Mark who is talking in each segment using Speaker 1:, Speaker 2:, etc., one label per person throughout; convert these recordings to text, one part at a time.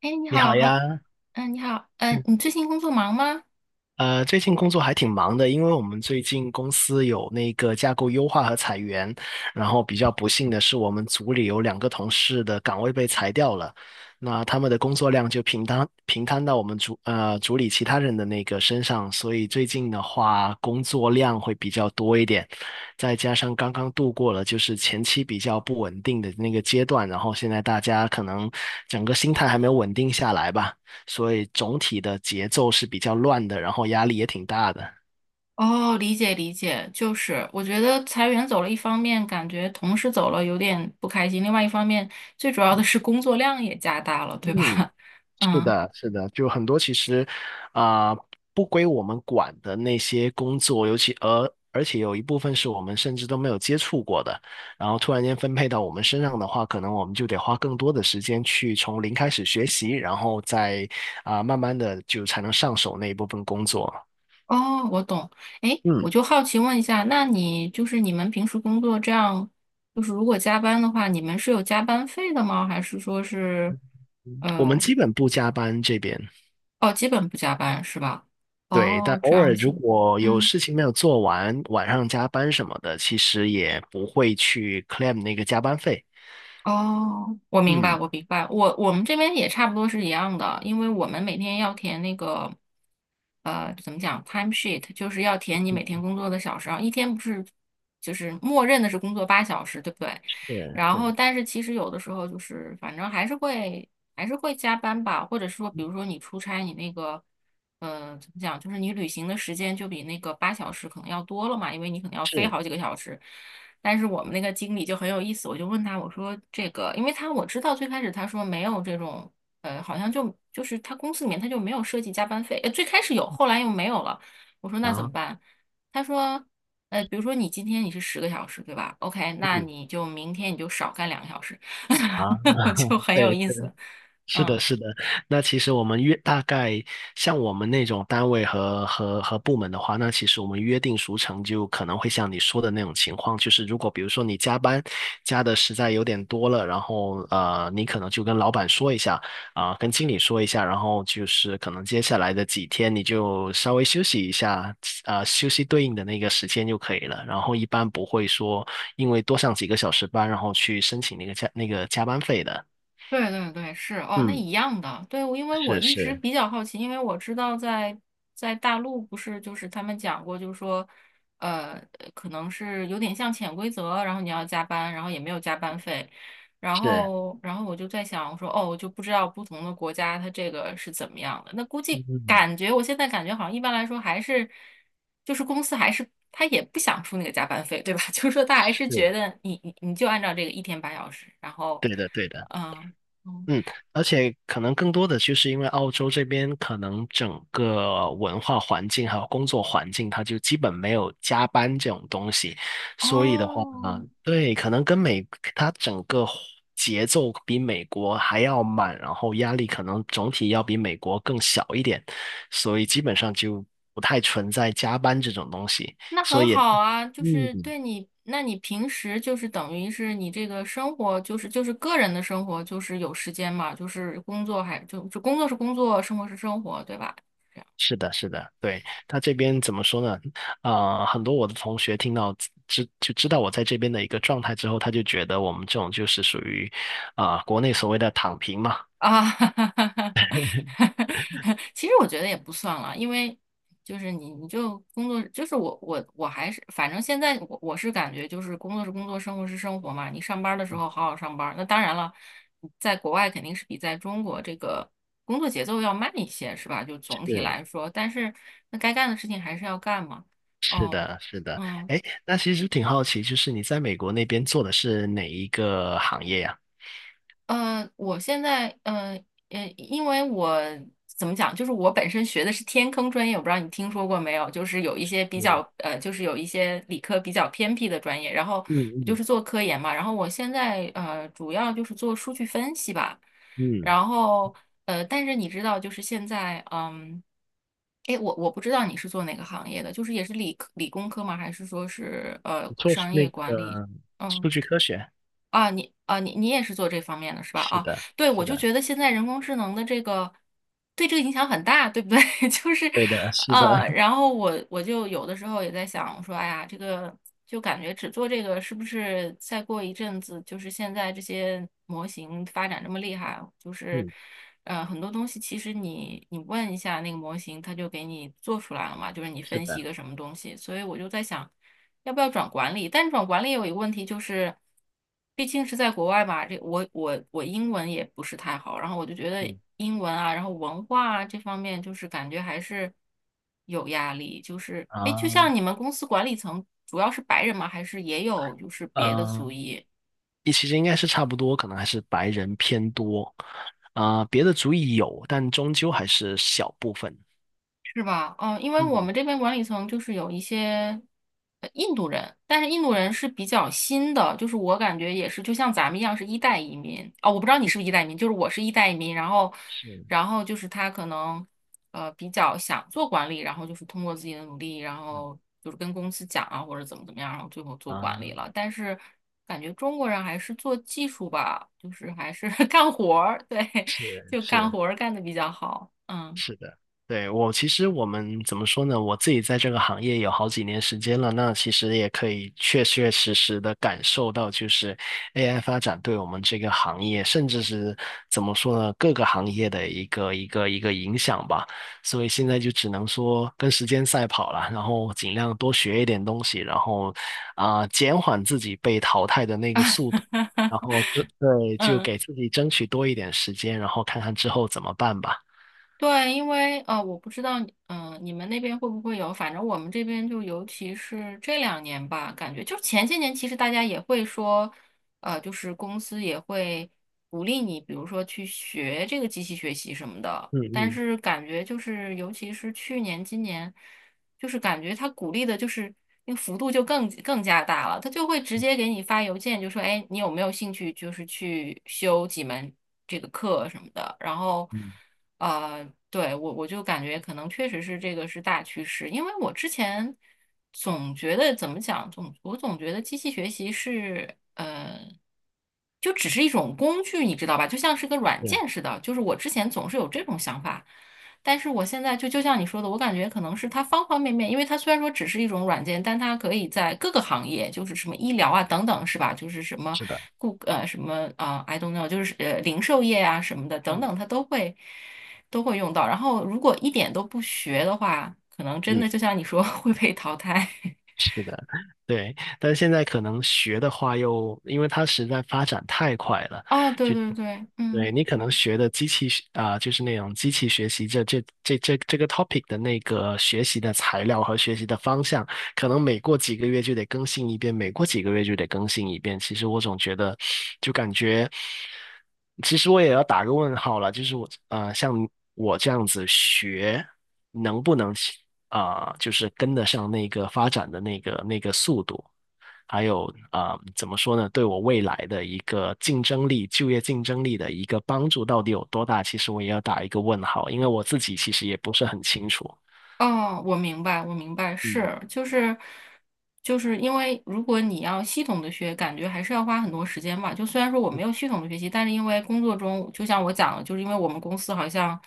Speaker 1: 哎，你
Speaker 2: 你
Speaker 1: 好，
Speaker 2: 好
Speaker 1: 好，
Speaker 2: 呀。
Speaker 1: 嗯，你好，嗯，
Speaker 2: 嗯，
Speaker 1: 你最近工作忙吗？
Speaker 2: 最近工作还挺忙的，因为我们最近公司有那个架构优化和裁员，然后比较不幸的是，我们组里有两个同事的岗位被裁掉了，那他们的工作量就平摊到我们组里其他人的那个身上，所以最近的话工作量会比较多一点，再加上刚刚度过了就是前期比较不稳定的那个阶段，然后现在大家可能整个心态还没有稳定下来吧。所以总体的节奏是比较乱的，然后压力也挺大的。
Speaker 1: 哦，理解理解，就是我觉得裁员走了，一方面感觉同事走了有点不开心，另外一方面最主要的是工作量也加大了，对吧？
Speaker 2: 嗯，是
Speaker 1: 嗯，
Speaker 2: 的，是的，就很多其实啊、呃不归我们管的那些工作，尤其而且有一部分是我们甚至都没有接触过的，然后突然间分配到我们身上的话，可能我们就得花更多的时间去从零开始学习，然后再慢慢的就才能上手那一部分工作。
Speaker 1: 哦，我懂。哎，我
Speaker 2: 嗯，
Speaker 1: 就好奇问一下，那你就是你们平时工作这样，就是如果加班的话，你们是有加班费的吗？还是说是
Speaker 2: 我
Speaker 1: 呃，
Speaker 2: 们基本不加班这边。
Speaker 1: 哦，基本不加班是吧？
Speaker 2: 对，但
Speaker 1: 哦，这
Speaker 2: 偶
Speaker 1: 样
Speaker 2: 尔如
Speaker 1: 子。
Speaker 2: 果有
Speaker 1: 嗯。
Speaker 2: 事情没有做完，晚上加班什么的，其实也不会去 claim 那个加班费。
Speaker 1: 哦，我明白，
Speaker 2: 嗯，
Speaker 1: 我明白，我们这边也差不多是一样的，因为我们每天要填那个，怎么讲，time sheet，就是要填你每天工作的小时，然后一天不是就是默认的是工作八小时，对不对？
Speaker 2: 是
Speaker 1: 然后但是其实有的时候就是反正还是会加班吧，或者说比如说你出差，你那个，怎么讲，就是你旅行的时间就比那个八小时可能要多了嘛，因为你可能要飞
Speaker 2: 是
Speaker 1: 好几个小时。但是我们那个经理就很有意思，我就问他，我说这个，因为他我知道最开始他说没有这种，好像就是他公司里面他就没有设计加班费，最开始有，后来又没有了。我说那怎
Speaker 2: 啊，
Speaker 1: 么办？他说，比如说你今天你是10个小时，对吧？OK，那
Speaker 2: 嗯
Speaker 1: 你就明天你就少干2个小时，
Speaker 2: 啊，
Speaker 1: 就 很有
Speaker 2: 对，
Speaker 1: 意思，
Speaker 2: 是的，
Speaker 1: 嗯。
Speaker 2: 是的。那其实我们约大概像我们那种单位和部门的话，那其实我们约定俗成就可能会像你说的那种情况，就是如果比如说你加班加的实在有点多了，然后呃，你可能就跟老板说一下，跟经理说一下，然后就是可能接下来的几天你就稍微休息一下，休息对应的那个时间就可以了。然后一般不会说因为多上几个小时班，然后去申请那个加那个加班费的。
Speaker 1: 对对对，是哦，那
Speaker 2: 嗯，
Speaker 1: 一样的。对，我因为我
Speaker 2: 是
Speaker 1: 一直
Speaker 2: 是。
Speaker 1: 比较好奇，因为我知道在大陆不是就是他们讲过，就是说，呃，可能是有点像潜规则，然后你要加班，然后也没有加班费，然
Speaker 2: 是，
Speaker 1: 后然后我就在想，我说哦，我就不知道不同的国家它这个是怎么样的。那估计
Speaker 2: 嗯，
Speaker 1: 感觉我现在感觉好像一般来说还是就是公司还是他也不想出那个加班费，对吧？就是说他还是
Speaker 2: 是，
Speaker 1: 觉得你就按照这个一天八小时，然后。
Speaker 2: 对的，对的。
Speaker 1: 嗯，哦，
Speaker 2: 嗯，而且可能更多的就是因为澳洲这边可能整个文化环境还有工作环境，它就基本没有加班这种东西，所以的话，
Speaker 1: 哦，
Speaker 2: 对，可能跟美，它整个节奏比美国还要慢，然后压力可能总体要比美国更小一点，所以基本上就不太存在加班这种东西，
Speaker 1: 那
Speaker 2: 所
Speaker 1: 很
Speaker 2: 以。
Speaker 1: 好啊，就是
Speaker 2: 嗯，
Speaker 1: 对你，那你平时就是等于是你这个生活，就是个人的生活，就是有时间嘛，就是工作还就工作是工作，生活是生活，对吧？
Speaker 2: 是的，是的。对，他这边怎么说呢？很多我的同学听到知道我在这边的一个状态之后，他就觉得我们这种就是属于国内所谓的躺平嘛。
Speaker 1: 啊，其实我觉得也不算了，因为就是你就工作，就是我还是反正现在我是感觉就是工作是工作，生活是生活嘛。你上班儿的时候好好上班儿那当然了，在国外肯定是比在中国这个工作节奏要慢一些，是吧？就总体
Speaker 2: 是，
Speaker 1: 来说，但是那该干的事情还是要干嘛。
Speaker 2: 是
Speaker 1: 哦，
Speaker 2: 的，是的。
Speaker 1: 嗯。
Speaker 2: 哎，那其实挺好奇，就是你在美国那边做的是哪一个行业呀？
Speaker 1: 我现在，因为我怎么讲，就是我本身学的是天坑专业，我不知道你听说过没有，就是有一些比较，
Speaker 2: 是，
Speaker 1: 就是有一些理科比较偏僻的专业，然后
Speaker 2: 嗯
Speaker 1: 就
Speaker 2: 嗯
Speaker 1: 是做科研嘛，然后我现在，主要就是做数据分析吧，
Speaker 2: 嗯，
Speaker 1: 然后，但是你知道，就是现在，哎，我不知道你是做哪个行业的，就是也是理科理工科吗？还是说是
Speaker 2: 我做是
Speaker 1: 商业
Speaker 2: 那
Speaker 1: 管理？
Speaker 2: 个
Speaker 1: 嗯。
Speaker 2: 数据科学。
Speaker 1: 啊，你啊，你也是做这方面的是吧？
Speaker 2: 是
Speaker 1: 啊，
Speaker 2: 的，
Speaker 1: 对，我
Speaker 2: 是
Speaker 1: 就
Speaker 2: 的，
Speaker 1: 觉得现在人工智能的这个对这个影响很大，对不对？就是，
Speaker 2: 对的，是的，
Speaker 1: 然 后我就有的时候也在想，我说，哎呀，这个就感觉只做这个是不是再过一阵子，就是现在这些模型发展这么厉害，就是，
Speaker 2: 嗯，
Speaker 1: 很多东西其实你问一下那个模型，它就给你做出来了嘛，就是你
Speaker 2: 是
Speaker 1: 分析一
Speaker 2: 的。
Speaker 1: 个什么东西，所以我就在想。要不要转管理？但转管理有一个问题就是，毕竟是在国外嘛，这我英文也不是太好，然后我就觉得
Speaker 2: 嗯
Speaker 1: 英文啊，然后文化啊这方面，就是感觉还是有压力。就是哎，诶就
Speaker 2: 啊，
Speaker 1: 像你们公司管理层主要是白人吗？还是也有就是别的族
Speaker 2: 嗯，
Speaker 1: 裔？
Speaker 2: 你其实应该是差不多，可能还是白人偏多，别的族裔有，但终究还是小部分。
Speaker 1: 是吧？嗯，因为我
Speaker 2: 嗯，
Speaker 1: 们这边管理层就是有一些印度人，但是印度人是比较新的，就是我感觉也是，就像咱们一样是一代移民哦，我不知道你是不是一代移民，就是我是一代移民，然后，
Speaker 2: 是
Speaker 1: 然后就是他可能比较想做管理，然后就是通过自己的努力，然后就是跟公司讲啊或者怎么怎么样，然后最后做管理
Speaker 2: 啊，
Speaker 1: 了。但是感觉中国人还是做技术吧，就是还是 干活儿，对，
Speaker 2: 是
Speaker 1: 就干
Speaker 2: 是，
Speaker 1: 活儿干的比较好，嗯。
Speaker 2: 是的。对，我其实我们怎么说呢？我自己在这个行业有好几年时间了，那其实也可以确确实实的感受到，就是 AI 发展对我们这个行业，甚至是怎么说呢，各个行业的一个影响吧。所以现在就只能说跟时间赛跑了，然后尽量多学一点东西，然后减缓自己被淘汰的那个速度，然后就对，就
Speaker 1: 嗯，
Speaker 2: 给自己争取多一点时间，然后看看之后怎么办吧。
Speaker 1: 对，因为我不知道，你们那边会不会有？反正我们这边就，尤其是这两年吧，感觉就前些年，其实大家也会说，就是公司也会鼓励你，比如说去学这个机器学习什么的。
Speaker 2: 嗯
Speaker 1: 但
Speaker 2: 嗯。
Speaker 1: 是感觉就是，尤其是去年、今年。就是感觉他鼓励的就是那个幅度就更加大了，他就会直接给你发邮件，就说，哎，你有没有兴趣就是去修几门这个课什么的，然后，
Speaker 2: 嗯，
Speaker 1: 对，我就感觉可能确实是这个是大趋势，因为我之前总觉得怎么讲，我总觉得机器学习是。就只是一种工具，你知道吧？就像是个软
Speaker 2: 对，
Speaker 1: 件似的。就是我之前总是有这种想法，但是我现在就像你说的，我感觉可能是它方方面面，因为它虽然说只是一种软件，但它可以在各个行业，就是什么医疗啊等等，是吧？就是什么
Speaker 2: 是的，
Speaker 1: 什么啊、i don't know，就是零售业啊什么的等
Speaker 2: 嗯
Speaker 1: 等，它都会用到。然后如果一点都不学的话，可能真
Speaker 2: 嗯，
Speaker 1: 的就像你说 会被淘汰。
Speaker 2: 是的，对。但是现在可能学的话又，因为它实在发展太快了，
Speaker 1: 哦，对
Speaker 2: 就
Speaker 1: 对对，嗯。
Speaker 2: 对你可能学的机器学就是那种机器学习这个 topic 的那个学习的材料和学习的方向，可能每过几个月就得更新一遍，每过几个月就得更新一遍。其实我总觉得，就感觉，其实我也要打个问号了，就是我像我这样子学，能不能就是跟得上那个发展的那个速度？还有怎么说呢？对我未来的一个竞争力、就业竞争力的一个帮助到底有多大？其实我也要打一个问号，因为我自己其实也不是很清楚。
Speaker 1: 哦，我明白，我明白，
Speaker 2: 嗯，
Speaker 1: 是，就是因为如果你要系统的学，感觉还是要花很多时间吧。就虽然说我没有系统的学习，但是因为工作中，就像我讲的，就是因为我们公司好像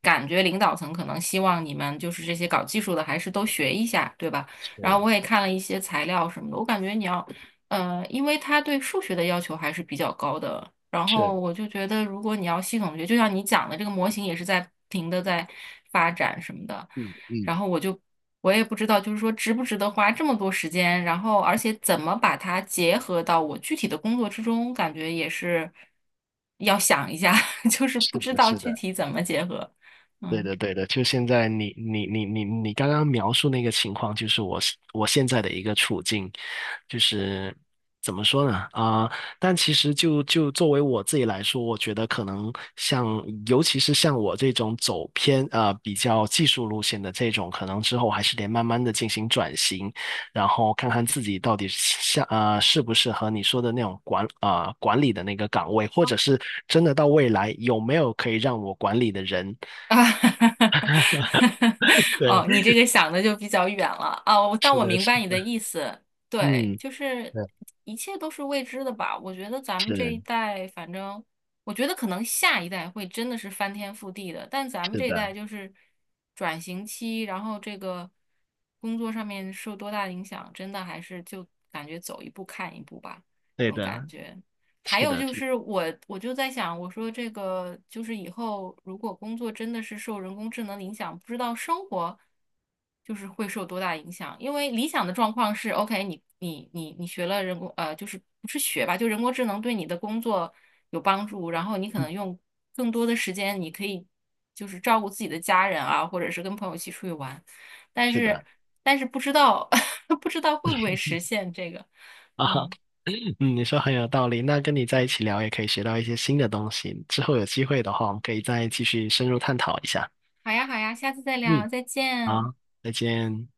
Speaker 1: 感觉领导层可能希望你们就是这些搞技术的还是都学一下，对吧？
Speaker 2: 是
Speaker 1: 然后我也看了一些材料什么的，我感觉你要，因为他对数学的要求还是比较高的。然后
Speaker 2: 是，
Speaker 1: 我就觉得，如果你要系统地学，就像你讲的，这个模型也是在不停的在发展什么的。
Speaker 2: 嗯嗯，
Speaker 1: 然后我也不知道，就是说值不值得花这么多时间，然后而且怎么把它结合到我具体的工作之中，感觉也是要想一下，就是不
Speaker 2: 是
Speaker 1: 知
Speaker 2: 的，
Speaker 1: 道
Speaker 2: 是
Speaker 1: 具
Speaker 2: 的。
Speaker 1: 体怎么结合，
Speaker 2: 对
Speaker 1: 嗯。
Speaker 2: 的，对的，就现在你刚刚描述那个情况，就是我现在的一个处境，就是怎么说呢？但其实就作为我自己来说，我觉得可能像，尤其是像我这种走偏啊比较技术路线的这种，可能之后还是得慢慢的进行转型，然后看看自己到底像呃适不适合你说的那种管理的那个岗位，或者是真的到未来有没有可以让我管理的人。
Speaker 1: 啊，
Speaker 2: 对，
Speaker 1: 哦，你这个想的就比较远了啊，但
Speaker 2: 是
Speaker 1: 我
Speaker 2: 的，
Speaker 1: 明
Speaker 2: 是，
Speaker 1: 白你的意思，对，
Speaker 2: 嗯，
Speaker 1: 就是
Speaker 2: 对，
Speaker 1: 一切都是未知的吧？我觉得咱们这一
Speaker 2: 是，
Speaker 1: 代，反正我觉得可能下一代会真的是翻天覆地的，但咱们
Speaker 2: 是
Speaker 1: 这一
Speaker 2: 的，
Speaker 1: 代就是转型期，然后这个工作上面受多大影响，真的还是就感觉走一步看一步吧，这
Speaker 2: 对
Speaker 1: 种感
Speaker 2: 的，
Speaker 1: 觉。还
Speaker 2: 是
Speaker 1: 有
Speaker 2: 的，
Speaker 1: 就
Speaker 2: 是，
Speaker 1: 是我就在想，我说这个就是以后如果工作真的是受人工智能影响，不知道生活就是会受多大影响。因为理想的状况是，OK，你学了就是不是学吧，就人工智能对你的工作有帮助，然后你可能用更多的时间，你可以就是照顾自己的家人啊，或者是跟朋友一起出去玩。但
Speaker 2: 是
Speaker 1: 是
Speaker 2: 的，
Speaker 1: 但是不知道 不知道会不会实现这个，
Speaker 2: 啊，哈。
Speaker 1: 嗯。
Speaker 2: 嗯，你说很有道理。那跟你在一起聊，也可以学到一些新的东西。之后有机会的话，我们可以再继续深入探讨一下。
Speaker 1: 好呀，好呀，下次再聊，
Speaker 2: 嗯，
Speaker 1: 再见。
Speaker 2: 好，再见。